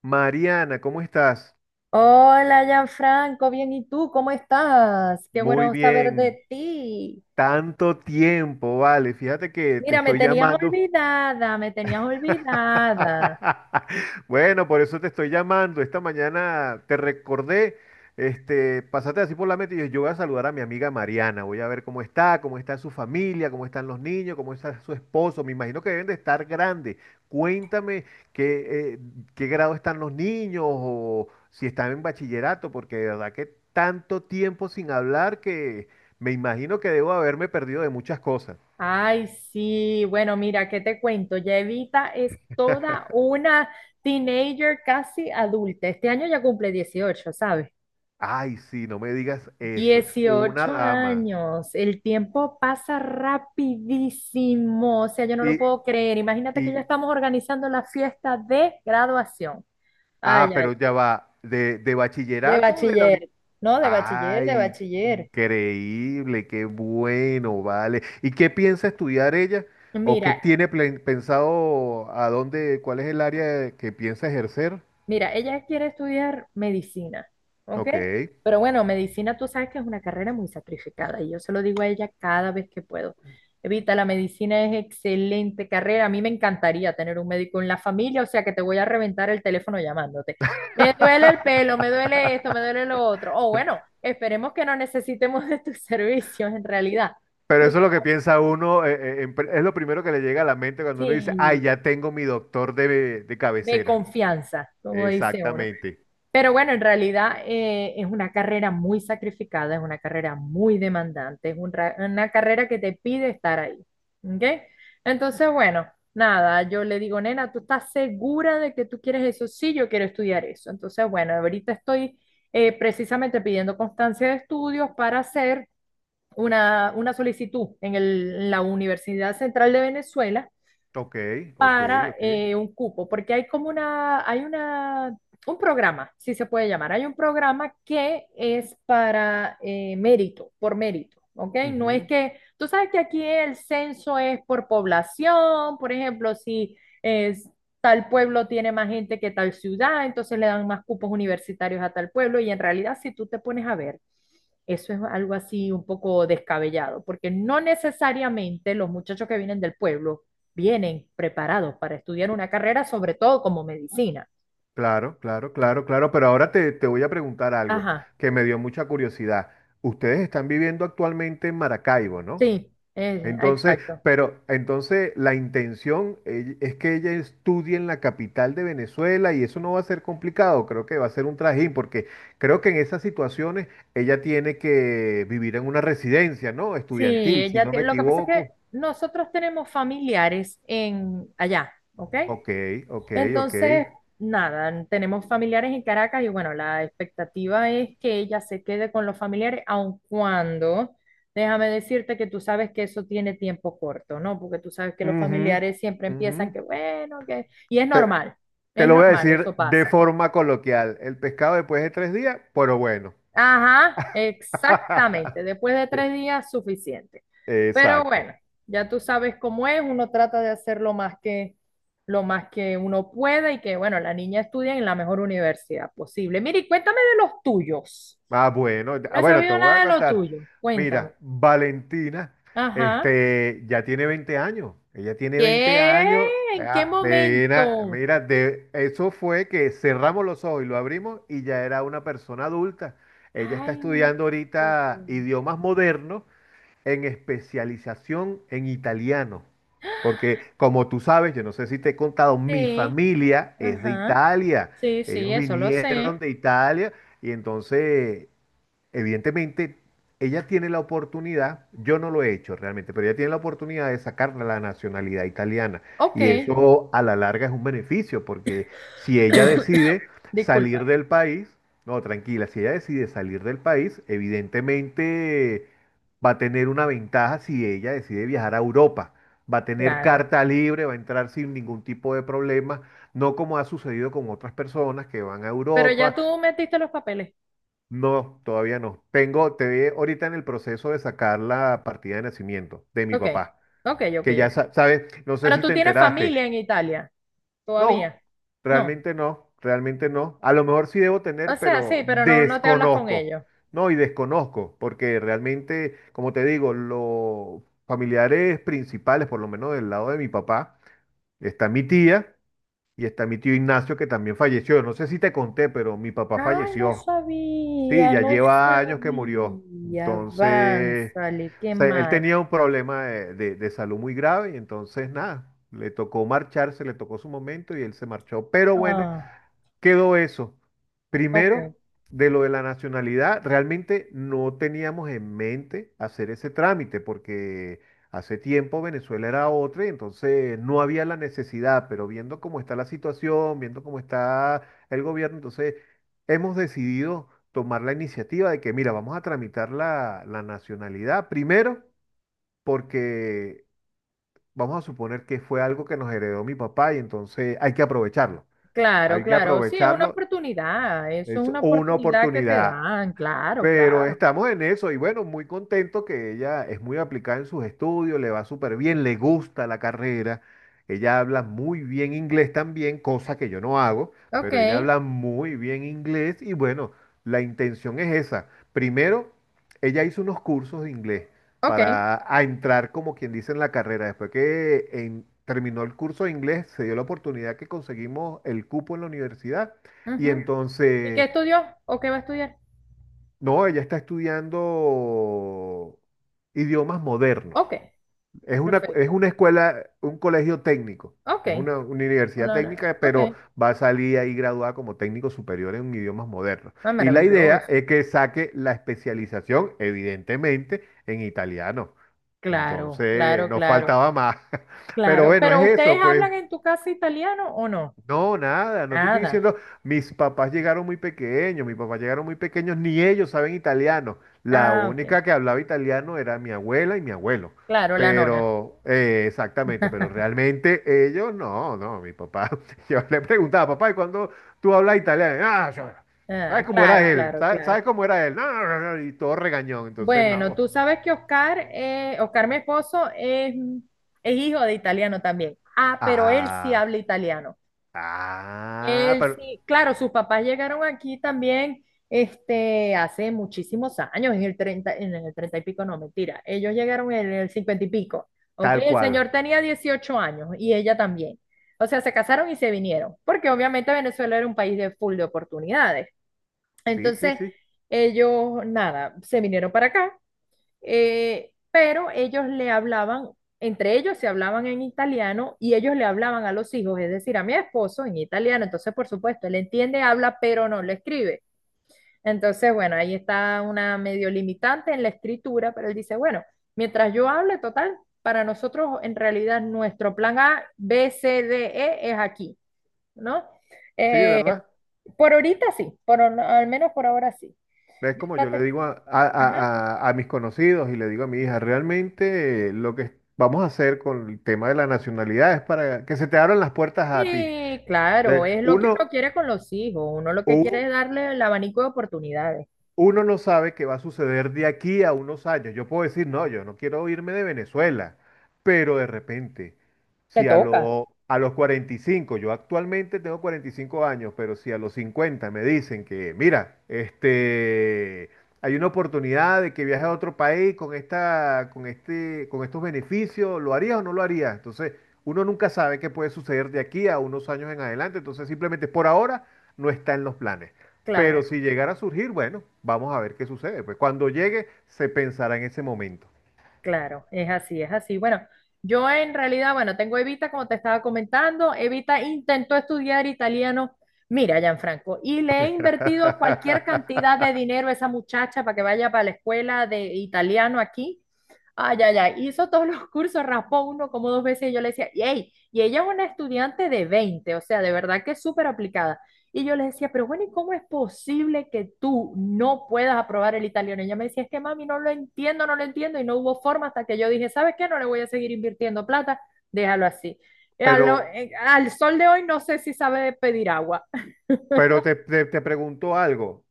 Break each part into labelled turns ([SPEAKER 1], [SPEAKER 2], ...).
[SPEAKER 1] Mariana, ¿cómo estás?
[SPEAKER 2] Hola, Gianfranco, bien, ¿y tú cómo estás? Qué
[SPEAKER 1] Muy
[SPEAKER 2] bueno saber
[SPEAKER 1] bien.
[SPEAKER 2] de ti.
[SPEAKER 1] Tanto tiempo, vale. Fíjate que te
[SPEAKER 2] Mira, me
[SPEAKER 1] estoy
[SPEAKER 2] tenías
[SPEAKER 1] llamando.
[SPEAKER 2] olvidada, me tenías olvidada.
[SPEAKER 1] Bueno, por eso te estoy llamando. Esta mañana te recordé, pasaste así por la meta y yo voy a saludar a mi amiga Mariana. Voy a ver cómo está su familia, cómo están los niños, cómo está su esposo. Me imagino que deben de estar grandes. Cuéntame qué, eh, qué grado están los niños o si están en bachillerato, porque de verdad que tanto tiempo sin hablar que me imagino que debo haberme perdido de muchas cosas.
[SPEAKER 2] Ay, sí, bueno, mira, ¿qué te cuento? Ya Evita es toda una teenager casi adulta. Este año ya cumple 18, ¿sabes?
[SPEAKER 1] Ay, sí, no me digas eso, es una
[SPEAKER 2] 18
[SPEAKER 1] dama.
[SPEAKER 2] años, el tiempo pasa rapidísimo, o sea, yo no lo
[SPEAKER 1] Y,
[SPEAKER 2] puedo creer. Imagínate que ya
[SPEAKER 1] y,
[SPEAKER 2] estamos organizando la fiesta de graduación. Ay,
[SPEAKER 1] ah,
[SPEAKER 2] ay.
[SPEAKER 1] pero ya va, de
[SPEAKER 2] De
[SPEAKER 1] bachillerato o de la universidad.
[SPEAKER 2] bachiller, no, de bachiller, de
[SPEAKER 1] Ay,
[SPEAKER 2] bachiller.
[SPEAKER 1] increíble, qué bueno, vale. ¿Y qué piensa estudiar ella? ¿O qué
[SPEAKER 2] Mira,
[SPEAKER 1] tiene pensado a dónde, cuál es el área que piensa ejercer?
[SPEAKER 2] mira, ella quiere estudiar medicina, ¿ok?
[SPEAKER 1] Ok.
[SPEAKER 2] Pero bueno, medicina tú sabes que es una carrera muy sacrificada y yo se lo digo a ella cada vez que puedo. Evita, la medicina es excelente carrera. A mí me encantaría tener un médico en la familia, o sea que te voy a reventar el teléfono llamándote. Me duele el pelo, me duele esto, me duele lo otro. O bueno, esperemos que no necesitemos de tus servicios en realidad.
[SPEAKER 1] Pero eso es lo que piensa uno, es lo primero que le llega a la mente cuando uno dice, ay,
[SPEAKER 2] Sí,
[SPEAKER 1] ya tengo mi doctor de
[SPEAKER 2] de
[SPEAKER 1] cabecera.
[SPEAKER 2] confianza, como dice uno.
[SPEAKER 1] Exactamente.
[SPEAKER 2] Pero bueno, en realidad es una carrera muy sacrificada, es una carrera muy demandante, es una carrera que te pide estar ahí. ¿Ok? Entonces, bueno, nada, yo le digo, nena, ¿tú estás segura de que tú quieres eso? Sí, yo quiero estudiar eso. Entonces, bueno, ahorita estoy precisamente pidiendo constancia de estudios para hacer una solicitud en la Universidad Central de Venezuela
[SPEAKER 1] Ok, ok,
[SPEAKER 2] para
[SPEAKER 1] ok.
[SPEAKER 2] un cupo, porque hay como una, hay una, un programa, si se puede llamar, hay un programa que es para mérito, por mérito, ¿ok? No es que, tú sabes que aquí el censo es por población, por ejemplo, si es, tal pueblo tiene más gente que tal ciudad, entonces le dan más cupos universitarios a tal pueblo, y en realidad si tú te pones a ver, eso es algo así un poco descabellado, porque no necesariamente los muchachos que vienen del pueblo vienen preparados para estudiar una carrera, sobre todo como medicina.
[SPEAKER 1] Claro, claro, claro, claro, pero ahora te voy a preguntar algo
[SPEAKER 2] Ajá,
[SPEAKER 1] que me dio mucha curiosidad. Ustedes están viviendo actualmente en Maracaibo, ¿no?
[SPEAKER 2] sí,
[SPEAKER 1] Entonces,
[SPEAKER 2] exacto.
[SPEAKER 1] pero entonces la intención es que ella estudie en la capital de Venezuela y eso no va a ser complicado, creo que va a ser un trajín, porque creo que en esas situaciones ella tiene que vivir en una residencia, ¿no?
[SPEAKER 2] Sí,
[SPEAKER 1] Estudiantil, si
[SPEAKER 2] ella
[SPEAKER 1] no me
[SPEAKER 2] tiene, lo que pasa es que
[SPEAKER 1] equivoco.
[SPEAKER 2] nosotros tenemos familiares en allá, ¿ok?
[SPEAKER 1] Ok, ok, ok.
[SPEAKER 2] Entonces, nada, tenemos familiares en Caracas y bueno, la expectativa es que ella se quede con los familiares, aun cuando, déjame decirte que tú sabes que eso tiene tiempo corto, ¿no? Porque tú sabes que los
[SPEAKER 1] Ujú,
[SPEAKER 2] familiares siempre
[SPEAKER 1] ujú.
[SPEAKER 2] empiezan que bueno, que... Y
[SPEAKER 1] Te- Te
[SPEAKER 2] es
[SPEAKER 1] lo voy a
[SPEAKER 2] normal,
[SPEAKER 1] decir
[SPEAKER 2] eso
[SPEAKER 1] de
[SPEAKER 2] pasa.
[SPEAKER 1] forma coloquial. El pescado después de 3 días, pero bueno.
[SPEAKER 2] Ajá, exactamente. Después de 3 días, suficiente. Pero
[SPEAKER 1] Exacto.
[SPEAKER 2] bueno, ya tú sabes cómo es, uno trata de hacer lo más que uno puede y que, bueno, la niña estudie en la mejor universidad posible. Mire, y cuéntame de los tuyos.
[SPEAKER 1] Ah, bueno, ah,
[SPEAKER 2] No he
[SPEAKER 1] bueno, te
[SPEAKER 2] sabido
[SPEAKER 1] voy a
[SPEAKER 2] nada de lo
[SPEAKER 1] contar.
[SPEAKER 2] tuyo. Cuéntame.
[SPEAKER 1] Mira, Valentina,
[SPEAKER 2] Ajá.
[SPEAKER 1] ya tiene 20 años. Ella tiene 20
[SPEAKER 2] ¿Qué?
[SPEAKER 1] años.
[SPEAKER 2] ¿En qué
[SPEAKER 1] Ah, mira,
[SPEAKER 2] momento?
[SPEAKER 1] mira, eso fue que cerramos los ojos y lo abrimos y ya era una persona adulta. Ella está
[SPEAKER 2] Ay, no
[SPEAKER 1] estudiando
[SPEAKER 2] te lo puedo
[SPEAKER 1] ahorita
[SPEAKER 2] creer.
[SPEAKER 1] idiomas modernos en especialización en italiano. Porque como tú sabes, yo no sé si te he contado, mi
[SPEAKER 2] Sí,
[SPEAKER 1] familia es de
[SPEAKER 2] ajá.
[SPEAKER 1] Italia.
[SPEAKER 2] Sí, sí,
[SPEAKER 1] Ellos
[SPEAKER 2] eso lo
[SPEAKER 1] vinieron
[SPEAKER 2] sé.
[SPEAKER 1] de Italia y entonces evidentemente, ella tiene la oportunidad, yo no lo he hecho realmente, pero ella tiene la oportunidad de sacar la nacionalidad italiana.
[SPEAKER 2] Ok.
[SPEAKER 1] Y eso a la larga es un beneficio, porque si ella decide
[SPEAKER 2] Disculpa.
[SPEAKER 1] salir del país, no, tranquila, si ella decide salir del país, evidentemente va a tener una ventaja si ella decide viajar a Europa. Va a tener
[SPEAKER 2] Claro.
[SPEAKER 1] carta libre, va a entrar sin ningún tipo de problema, no como ha sucedido con otras personas que van a
[SPEAKER 2] Pero ya
[SPEAKER 1] Europa.
[SPEAKER 2] tú metiste los papeles.
[SPEAKER 1] No, todavía no. Tengo, te ve ahorita en el proceso de sacar la partida de nacimiento de mi
[SPEAKER 2] Ok,
[SPEAKER 1] papá,
[SPEAKER 2] ok, ok,
[SPEAKER 1] que ya
[SPEAKER 2] ok.
[SPEAKER 1] sabes, no sé
[SPEAKER 2] Pero
[SPEAKER 1] si
[SPEAKER 2] tú
[SPEAKER 1] te
[SPEAKER 2] tienes
[SPEAKER 1] enteraste.
[SPEAKER 2] familia en Italia, todavía.
[SPEAKER 1] No,
[SPEAKER 2] No.
[SPEAKER 1] realmente no, realmente no. A lo mejor sí debo
[SPEAKER 2] O
[SPEAKER 1] tener,
[SPEAKER 2] sea,
[SPEAKER 1] pero
[SPEAKER 2] sí, pero no, no te hablas con
[SPEAKER 1] desconozco.
[SPEAKER 2] ellos.
[SPEAKER 1] No, y desconozco, porque realmente, como te digo, los familiares principales, por lo menos del lado de mi papá, está mi tía y está mi tío Ignacio, que también falleció. No sé si te conté, pero mi papá
[SPEAKER 2] Ay, no
[SPEAKER 1] falleció. Sí,
[SPEAKER 2] sabía,
[SPEAKER 1] ya
[SPEAKER 2] no
[SPEAKER 1] lleva años que murió.
[SPEAKER 2] sabía.
[SPEAKER 1] Entonces,
[SPEAKER 2] Avánzale,
[SPEAKER 1] o
[SPEAKER 2] qué
[SPEAKER 1] sea, él
[SPEAKER 2] mal.
[SPEAKER 1] tenía un problema de salud muy grave y entonces nada, le tocó marcharse, le tocó su momento y él se marchó. Pero bueno,
[SPEAKER 2] Ah,
[SPEAKER 1] quedó eso.
[SPEAKER 2] ok.
[SPEAKER 1] Primero, de lo de la nacionalidad, realmente no teníamos en mente hacer ese trámite porque hace tiempo Venezuela era otra y entonces no había la necesidad, pero viendo cómo está la situación, viendo cómo está el gobierno, entonces hemos decidido tomar la iniciativa de que, mira, vamos a tramitar la nacionalidad primero porque vamos a suponer que fue algo que nos heredó mi papá y entonces hay que aprovecharlo.
[SPEAKER 2] Claro,
[SPEAKER 1] Hay que
[SPEAKER 2] claro. Sí, es una
[SPEAKER 1] aprovecharlo,
[SPEAKER 2] oportunidad. Eso es
[SPEAKER 1] es
[SPEAKER 2] una
[SPEAKER 1] una
[SPEAKER 2] oportunidad que te
[SPEAKER 1] oportunidad,
[SPEAKER 2] dan. Claro,
[SPEAKER 1] pero
[SPEAKER 2] claro.
[SPEAKER 1] estamos en eso y bueno, muy contento que ella es muy aplicada en sus estudios, le va súper bien, le gusta la carrera, ella habla muy bien inglés también, cosa que yo no hago,
[SPEAKER 2] Ok,
[SPEAKER 1] pero ella habla muy bien inglés y bueno, la intención es esa. Primero, ella hizo unos cursos de inglés
[SPEAKER 2] ok.
[SPEAKER 1] para a entrar como quien dice en la carrera. Después que terminó el curso de inglés, se dio la oportunidad que conseguimos el cupo en la universidad y
[SPEAKER 2] Ujú. ¿Y qué
[SPEAKER 1] entonces...
[SPEAKER 2] estudió o qué va a estudiar?
[SPEAKER 1] No, ella está estudiando idiomas modernos.
[SPEAKER 2] Ok,
[SPEAKER 1] Es
[SPEAKER 2] perfecto.
[SPEAKER 1] una escuela, un colegio técnico.
[SPEAKER 2] Ok.
[SPEAKER 1] Es una, universidad
[SPEAKER 2] Una hora.
[SPEAKER 1] técnica,
[SPEAKER 2] Ok.
[SPEAKER 1] pero va a salir ahí graduada como técnico superior en idiomas modernos.
[SPEAKER 2] Ah,
[SPEAKER 1] Y la idea
[SPEAKER 2] maravilloso.
[SPEAKER 1] es que saque la especialización, evidentemente, en italiano.
[SPEAKER 2] Claro,
[SPEAKER 1] Entonces,
[SPEAKER 2] claro,
[SPEAKER 1] nos
[SPEAKER 2] claro,
[SPEAKER 1] faltaba más. Pero
[SPEAKER 2] claro.
[SPEAKER 1] bueno, es
[SPEAKER 2] Pero
[SPEAKER 1] eso,
[SPEAKER 2] ¿ustedes
[SPEAKER 1] pues.
[SPEAKER 2] hablan en tu casa italiano o no?
[SPEAKER 1] No, nada, no te estoy
[SPEAKER 2] Nada.
[SPEAKER 1] diciendo, mis papás llegaron muy pequeños, mis papás llegaron muy pequeños, ni ellos saben italiano. La
[SPEAKER 2] Ah, ok.
[SPEAKER 1] única que hablaba italiano era mi abuela y mi abuelo.
[SPEAKER 2] Claro, la nona.
[SPEAKER 1] Pero, exactamente, pero realmente ellos no, no, mi papá. Yo le preguntaba, papá, ¿y cuándo tú hablas italiano? Ah,
[SPEAKER 2] Ah,
[SPEAKER 1] ¿sabes cómo era
[SPEAKER 2] claro,
[SPEAKER 1] él?
[SPEAKER 2] claro,
[SPEAKER 1] ¿Sabes,
[SPEAKER 2] claro.
[SPEAKER 1] sabes cómo era él? No, no, no, no", y todo regañón, entonces
[SPEAKER 2] Bueno,
[SPEAKER 1] no.
[SPEAKER 2] tú sabes que Oscar, Oscar, mi esposo, es hijo de italiano también. Ah, pero él sí
[SPEAKER 1] Ah,
[SPEAKER 2] habla italiano.
[SPEAKER 1] ah,
[SPEAKER 2] Él
[SPEAKER 1] pero
[SPEAKER 2] sí, claro, sus papás llegaron aquí también este, hace muchísimos años, en el 30, en el 30 y pico, no, mentira. Ellos llegaron en el 50 y pico, ¿ok?
[SPEAKER 1] tal
[SPEAKER 2] El
[SPEAKER 1] cual.
[SPEAKER 2] señor tenía 18 años y ella también. O sea, se casaron y se vinieron, porque obviamente Venezuela era un país de full de oportunidades.
[SPEAKER 1] Sí, sí,
[SPEAKER 2] Entonces,
[SPEAKER 1] sí,
[SPEAKER 2] ellos, nada, se vinieron para acá pero ellos le hablaban, entre ellos se hablaban en italiano y ellos le hablaban a los hijos, es decir, a mi esposo en italiano, entonces por supuesto, él entiende, habla, pero no le escribe. Entonces, bueno, ahí está una medio limitante en la escritura, pero él dice, bueno, mientras yo hable, total, para nosotros en realidad nuestro plan A, B, C, D, E es aquí, ¿no?
[SPEAKER 1] sí, de
[SPEAKER 2] Eh,
[SPEAKER 1] verdad.
[SPEAKER 2] por ahorita sí, al menos por ahora sí.
[SPEAKER 1] Es como
[SPEAKER 2] Ya
[SPEAKER 1] yo le
[SPEAKER 2] te.
[SPEAKER 1] digo a, a-
[SPEAKER 2] Ajá.
[SPEAKER 1] a- a- a mis conocidos y le digo a mi hija, realmente lo que vamos a hacer con el tema de la nacionalidad es para que se te abran las puertas a ti.
[SPEAKER 2] Sí, claro,
[SPEAKER 1] De-
[SPEAKER 2] es lo que uno
[SPEAKER 1] uno,
[SPEAKER 2] quiere con los hijos, uno lo que quiere
[SPEAKER 1] u-
[SPEAKER 2] es darle el abanico de oportunidades.
[SPEAKER 1] uno no sabe qué va a suceder de aquí a unos años. Yo puedo decir, no, yo no quiero irme de Venezuela, pero de repente,
[SPEAKER 2] Te
[SPEAKER 1] si a,
[SPEAKER 2] toca,
[SPEAKER 1] lo- a los 45, yo actualmente tengo 45 años, pero si a los 50 me dicen que, mira, hay una oportunidad de que viaje a otro país con esta, con este, con estos beneficios, ¿lo harías o no lo harías? Entonces, uno nunca sabe qué puede suceder de aquí a unos años en adelante, entonces simplemente por ahora no está en los planes. Pero
[SPEAKER 2] claro,
[SPEAKER 1] si llegara a surgir, bueno, vamos a ver qué sucede. Pues cuando llegue, se pensará en ese momento.
[SPEAKER 2] claro, es así, es así. Bueno, yo en realidad, bueno, tengo a Evita, como te estaba comentando, Evita intentó estudiar italiano, mira, Gianfranco, y le he invertido cualquier cantidad de dinero a esa muchacha para que vaya para la escuela de italiano aquí. Ay, ay, ay, hizo todos los cursos, raspó uno como dos veces y yo le decía, y, "Ey", y ella es una estudiante de 20, o sea, de verdad que es súper aplicada. Y yo le decía, pero bueno, ¿y cómo es posible que tú no puedas aprobar el italiano? Y ella me decía, es que mami, no lo entiendo, no lo entiendo, y no hubo forma hasta que yo dije, ¿sabes qué? No le voy a seguir invirtiendo plata, déjalo así.
[SPEAKER 1] Pero,
[SPEAKER 2] Al sol de hoy no sé si sabe pedir agua.
[SPEAKER 1] pero te pregunto algo.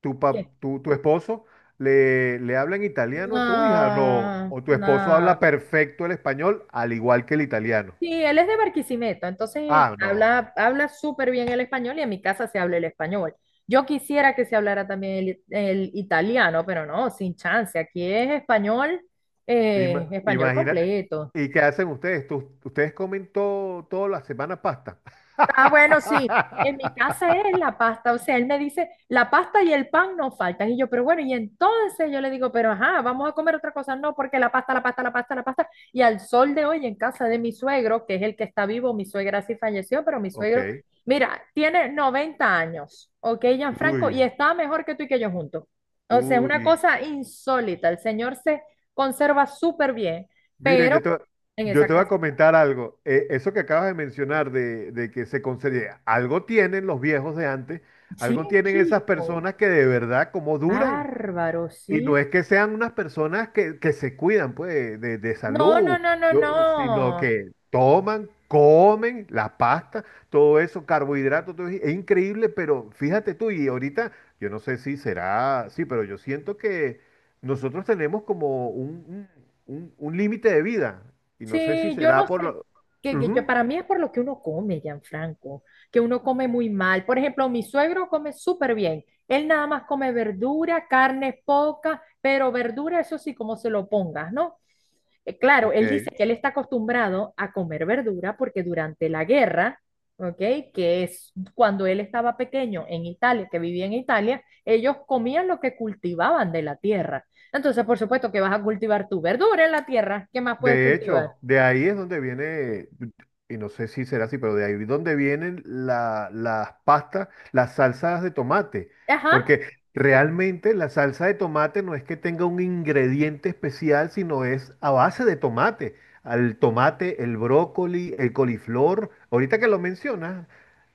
[SPEAKER 1] ¿Tu, pa-
[SPEAKER 2] ¿Qué?
[SPEAKER 1] tu, tu esposo le habla en italiano a tu hija? No.
[SPEAKER 2] No,
[SPEAKER 1] ¿O tu esposo habla
[SPEAKER 2] no.
[SPEAKER 1] perfecto el español al igual que el italiano?
[SPEAKER 2] Sí, él es de Barquisimeto, entonces
[SPEAKER 1] Ah, no.
[SPEAKER 2] habla, habla súper bien el español y en mi casa se habla el español. Yo quisiera que se hablara también el italiano, pero no, sin chance. Aquí es español, español
[SPEAKER 1] Imagina.
[SPEAKER 2] completo.
[SPEAKER 1] ¿Y qué hacen ustedes? ¿Ustedes comen todo, toda la semana pasta?
[SPEAKER 2] Ah, bueno, sí. En mi casa es la pasta. O sea, él me dice, la pasta y el pan no faltan. Y yo, pero bueno, y entonces yo le digo, pero ajá, vamos a comer otra cosa. No, porque la pasta, la pasta, la pasta, la pasta. Y al sol de hoy en casa de mi suegro, que es el que está vivo, mi suegra sí falleció, pero mi suegro,
[SPEAKER 1] Ok.
[SPEAKER 2] mira, tiene 90 años, ¿ok, Gianfranco? Y
[SPEAKER 1] Uy,
[SPEAKER 2] está mejor que tú y que yo juntos. O sea, es una
[SPEAKER 1] uy.
[SPEAKER 2] cosa insólita. El señor se conserva súper bien,
[SPEAKER 1] Mire,
[SPEAKER 2] pero
[SPEAKER 1] yo te, va-
[SPEAKER 2] en
[SPEAKER 1] yo
[SPEAKER 2] esa
[SPEAKER 1] te voy a
[SPEAKER 2] casa,
[SPEAKER 1] comentar algo. Eso que acabas de mencionar de, que se concede, algo tienen los viejos de antes,
[SPEAKER 2] sí,
[SPEAKER 1] algo tienen esas
[SPEAKER 2] chico.
[SPEAKER 1] personas que de verdad, como duran.
[SPEAKER 2] Bárbaro,
[SPEAKER 1] Y no
[SPEAKER 2] sí.
[SPEAKER 1] es que sean unas personas que se cuidan, pues, de
[SPEAKER 2] No, no,
[SPEAKER 1] salud,
[SPEAKER 2] no, no,
[SPEAKER 1] sino
[SPEAKER 2] no.
[SPEAKER 1] que toman, comen la pasta, todo eso, carbohidratos, todo, es increíble, pero fíjate tú, y ahorita, yo no sé si será, sí, pero yo siento que nosotros tenemos como un- un límite de vida, y no sé si
[SPEAKER 2] Sí, yo
[SPEAKER 1] será
[SPEAKER 2] no
[SPEAKER 1] por
[SPEAKER 2] sé,
[SPEAKER 1] lo...
[SPEAKER 2] que yo,
[SPEAKER 1] Ujú,
[SPEAKER 2] para mí es por lo que uno come, Gianfranco, que uno come muy mal. Por ejemplo, mi suegro come súper bien. Él nada más come verdura, carne poca, pero verdura, eso sí, como se lo pongas, ¿no? Claro, él dice
[SPEAKER 1] ok.
[SPEAKER 2] que él está acostumbrado a comer verdura porque durante la guerra, ¿ok? Que es cuando él estaba pequeño en Italia, que vivía en Italia, ellos comían lo que cultivaban de la tierra. Entonces, por supuesto que vas a cultivar tu verdura en la tierra. ¿Qué más puedes
[SPEAKER 1] De
[SPEAKER 2] cultivar?
[SPEAKER 1] hecho, de ahí es donde viene, y no sé si será así, pero de ahí es donde vienen las pastas, las salsas de tomate,
[SPEAKER 2] Ajá,
[SPEAKER 1] porque realmente la salsa de tomate no es que tenga un ingrediente especial, sino es a base de tomate. Al tomate, el brócoli, el coliflor, ahorita que lo mencionas,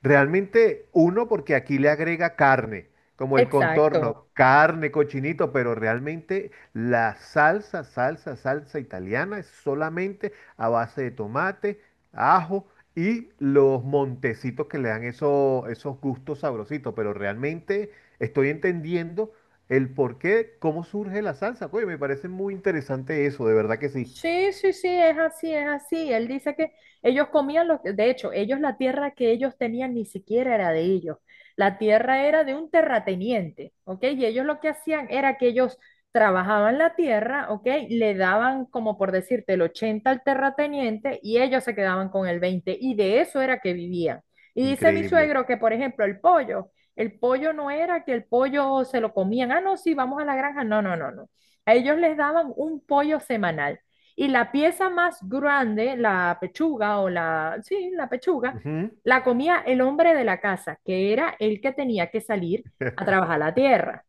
[SPEAKER 1] realmente uno porque aquí le agrega carne. Como el contorno,
[SPEAKER 2] exacto.
[SPEAKER 1] carne, cochinito, pero realmente la salsa, salsa, salsa italiana es solamente a base de tomate, ajo y los montecitos que le dan esos gustos sabrositos. Pero realmente estoy entendiendo el por qué, cómo surge la salsa. Oye, me parece muy interesante eso, de verdad que sí.
[SPEAKER 2] Sí, sí, sí, es así, es así. Él dice que ellos comían lo que, de hecho, ellos la tierra que ellos tenían ni siquiera era de ellos. La tierra era de un terrateniente, ¿ok? Y ellos lo que hacían era que ellos trabajaban la tierra, ¿ok? Le daban, como por decirte, el 80 al terrateniente y ellos se quedaban con el 20 y de eso era que vivían. Y dice mi
[SPEAKER 1] Increíble.
[SPEAKER 2] suegro que, por ejemplo, el pollo no era que el pollo se lo comían, ah, no, sí, vamos a la granja, no, no, no, no. A ellos les daban un pollo semanal. Y la pieza más grande, la pechuga sí, la pechuga,
[SPEAKER 1] Ujú.
[SPEAKER 2] la comía el hombre de la casa, que era el que tenía que salir a trabajar la tierra.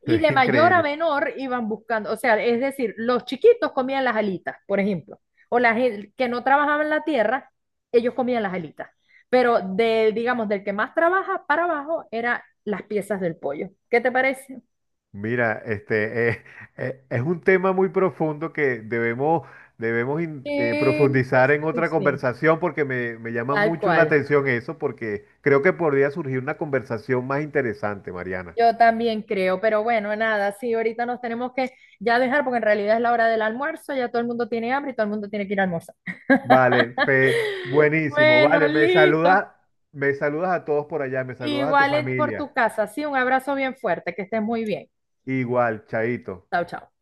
[SPEAKER 2] Y de mayor a
[SPEAKER 1] Increíble.
[SPEAKER 2] menor iban buscando, o sea, es decir, los chiquitos comían las alitas, por ejemplo, o las que no trabajaban la tierra, ellos comían las alitas. Pero de, digamos, del que más trabaja para abajo eran las piezas del pollo. ¿Qué te parece?
[SPEAKER 1] Mira, es un tema muy profundo que debemos
[SPEAKER 2] Sí, sí,
[SPEAKER 1] profundizar en
[SPEAKER 2] sí,
[SPEAKER 1] otra
[SPEAKER 2] sí.
[SPEAKER 1] conversación porque me llama
[SPEAKER 2] Tal
[SPEAKER 1] mucho la
[SPEAKER 2] cual.
[SPEAKER 1] atención eso, porque creo que podría surgir una conversación más interesante, Mariana.
[SPEAKER 2] Yo también creo, pero bueno, nada, sí, ahorita nos tenemos que ya dejar porque en realidad es la hora del almuerzo, ya todo el mundo tiene hambre y todo el mundo tiene que ir a almorzar.
[SPEAKER 1] Vale, Fe, buenísimo,
[SPEAKER 2] Bueno,
[SPEAKER 1] vale,
[SPEAKER 2] listo.
[SPEAKER 1] me saludas a todos por allá, me saludas a tu
[SPEAKER 2] Igual en- por
[SPEAKER 1] familia.
[SPEAKER 2] tu casa, sí, un abrazo bien fuerte, que estés muy bien.
[SPEAKER 1] Igual, Chaito.
[SPEAKER 2] Chao, chao.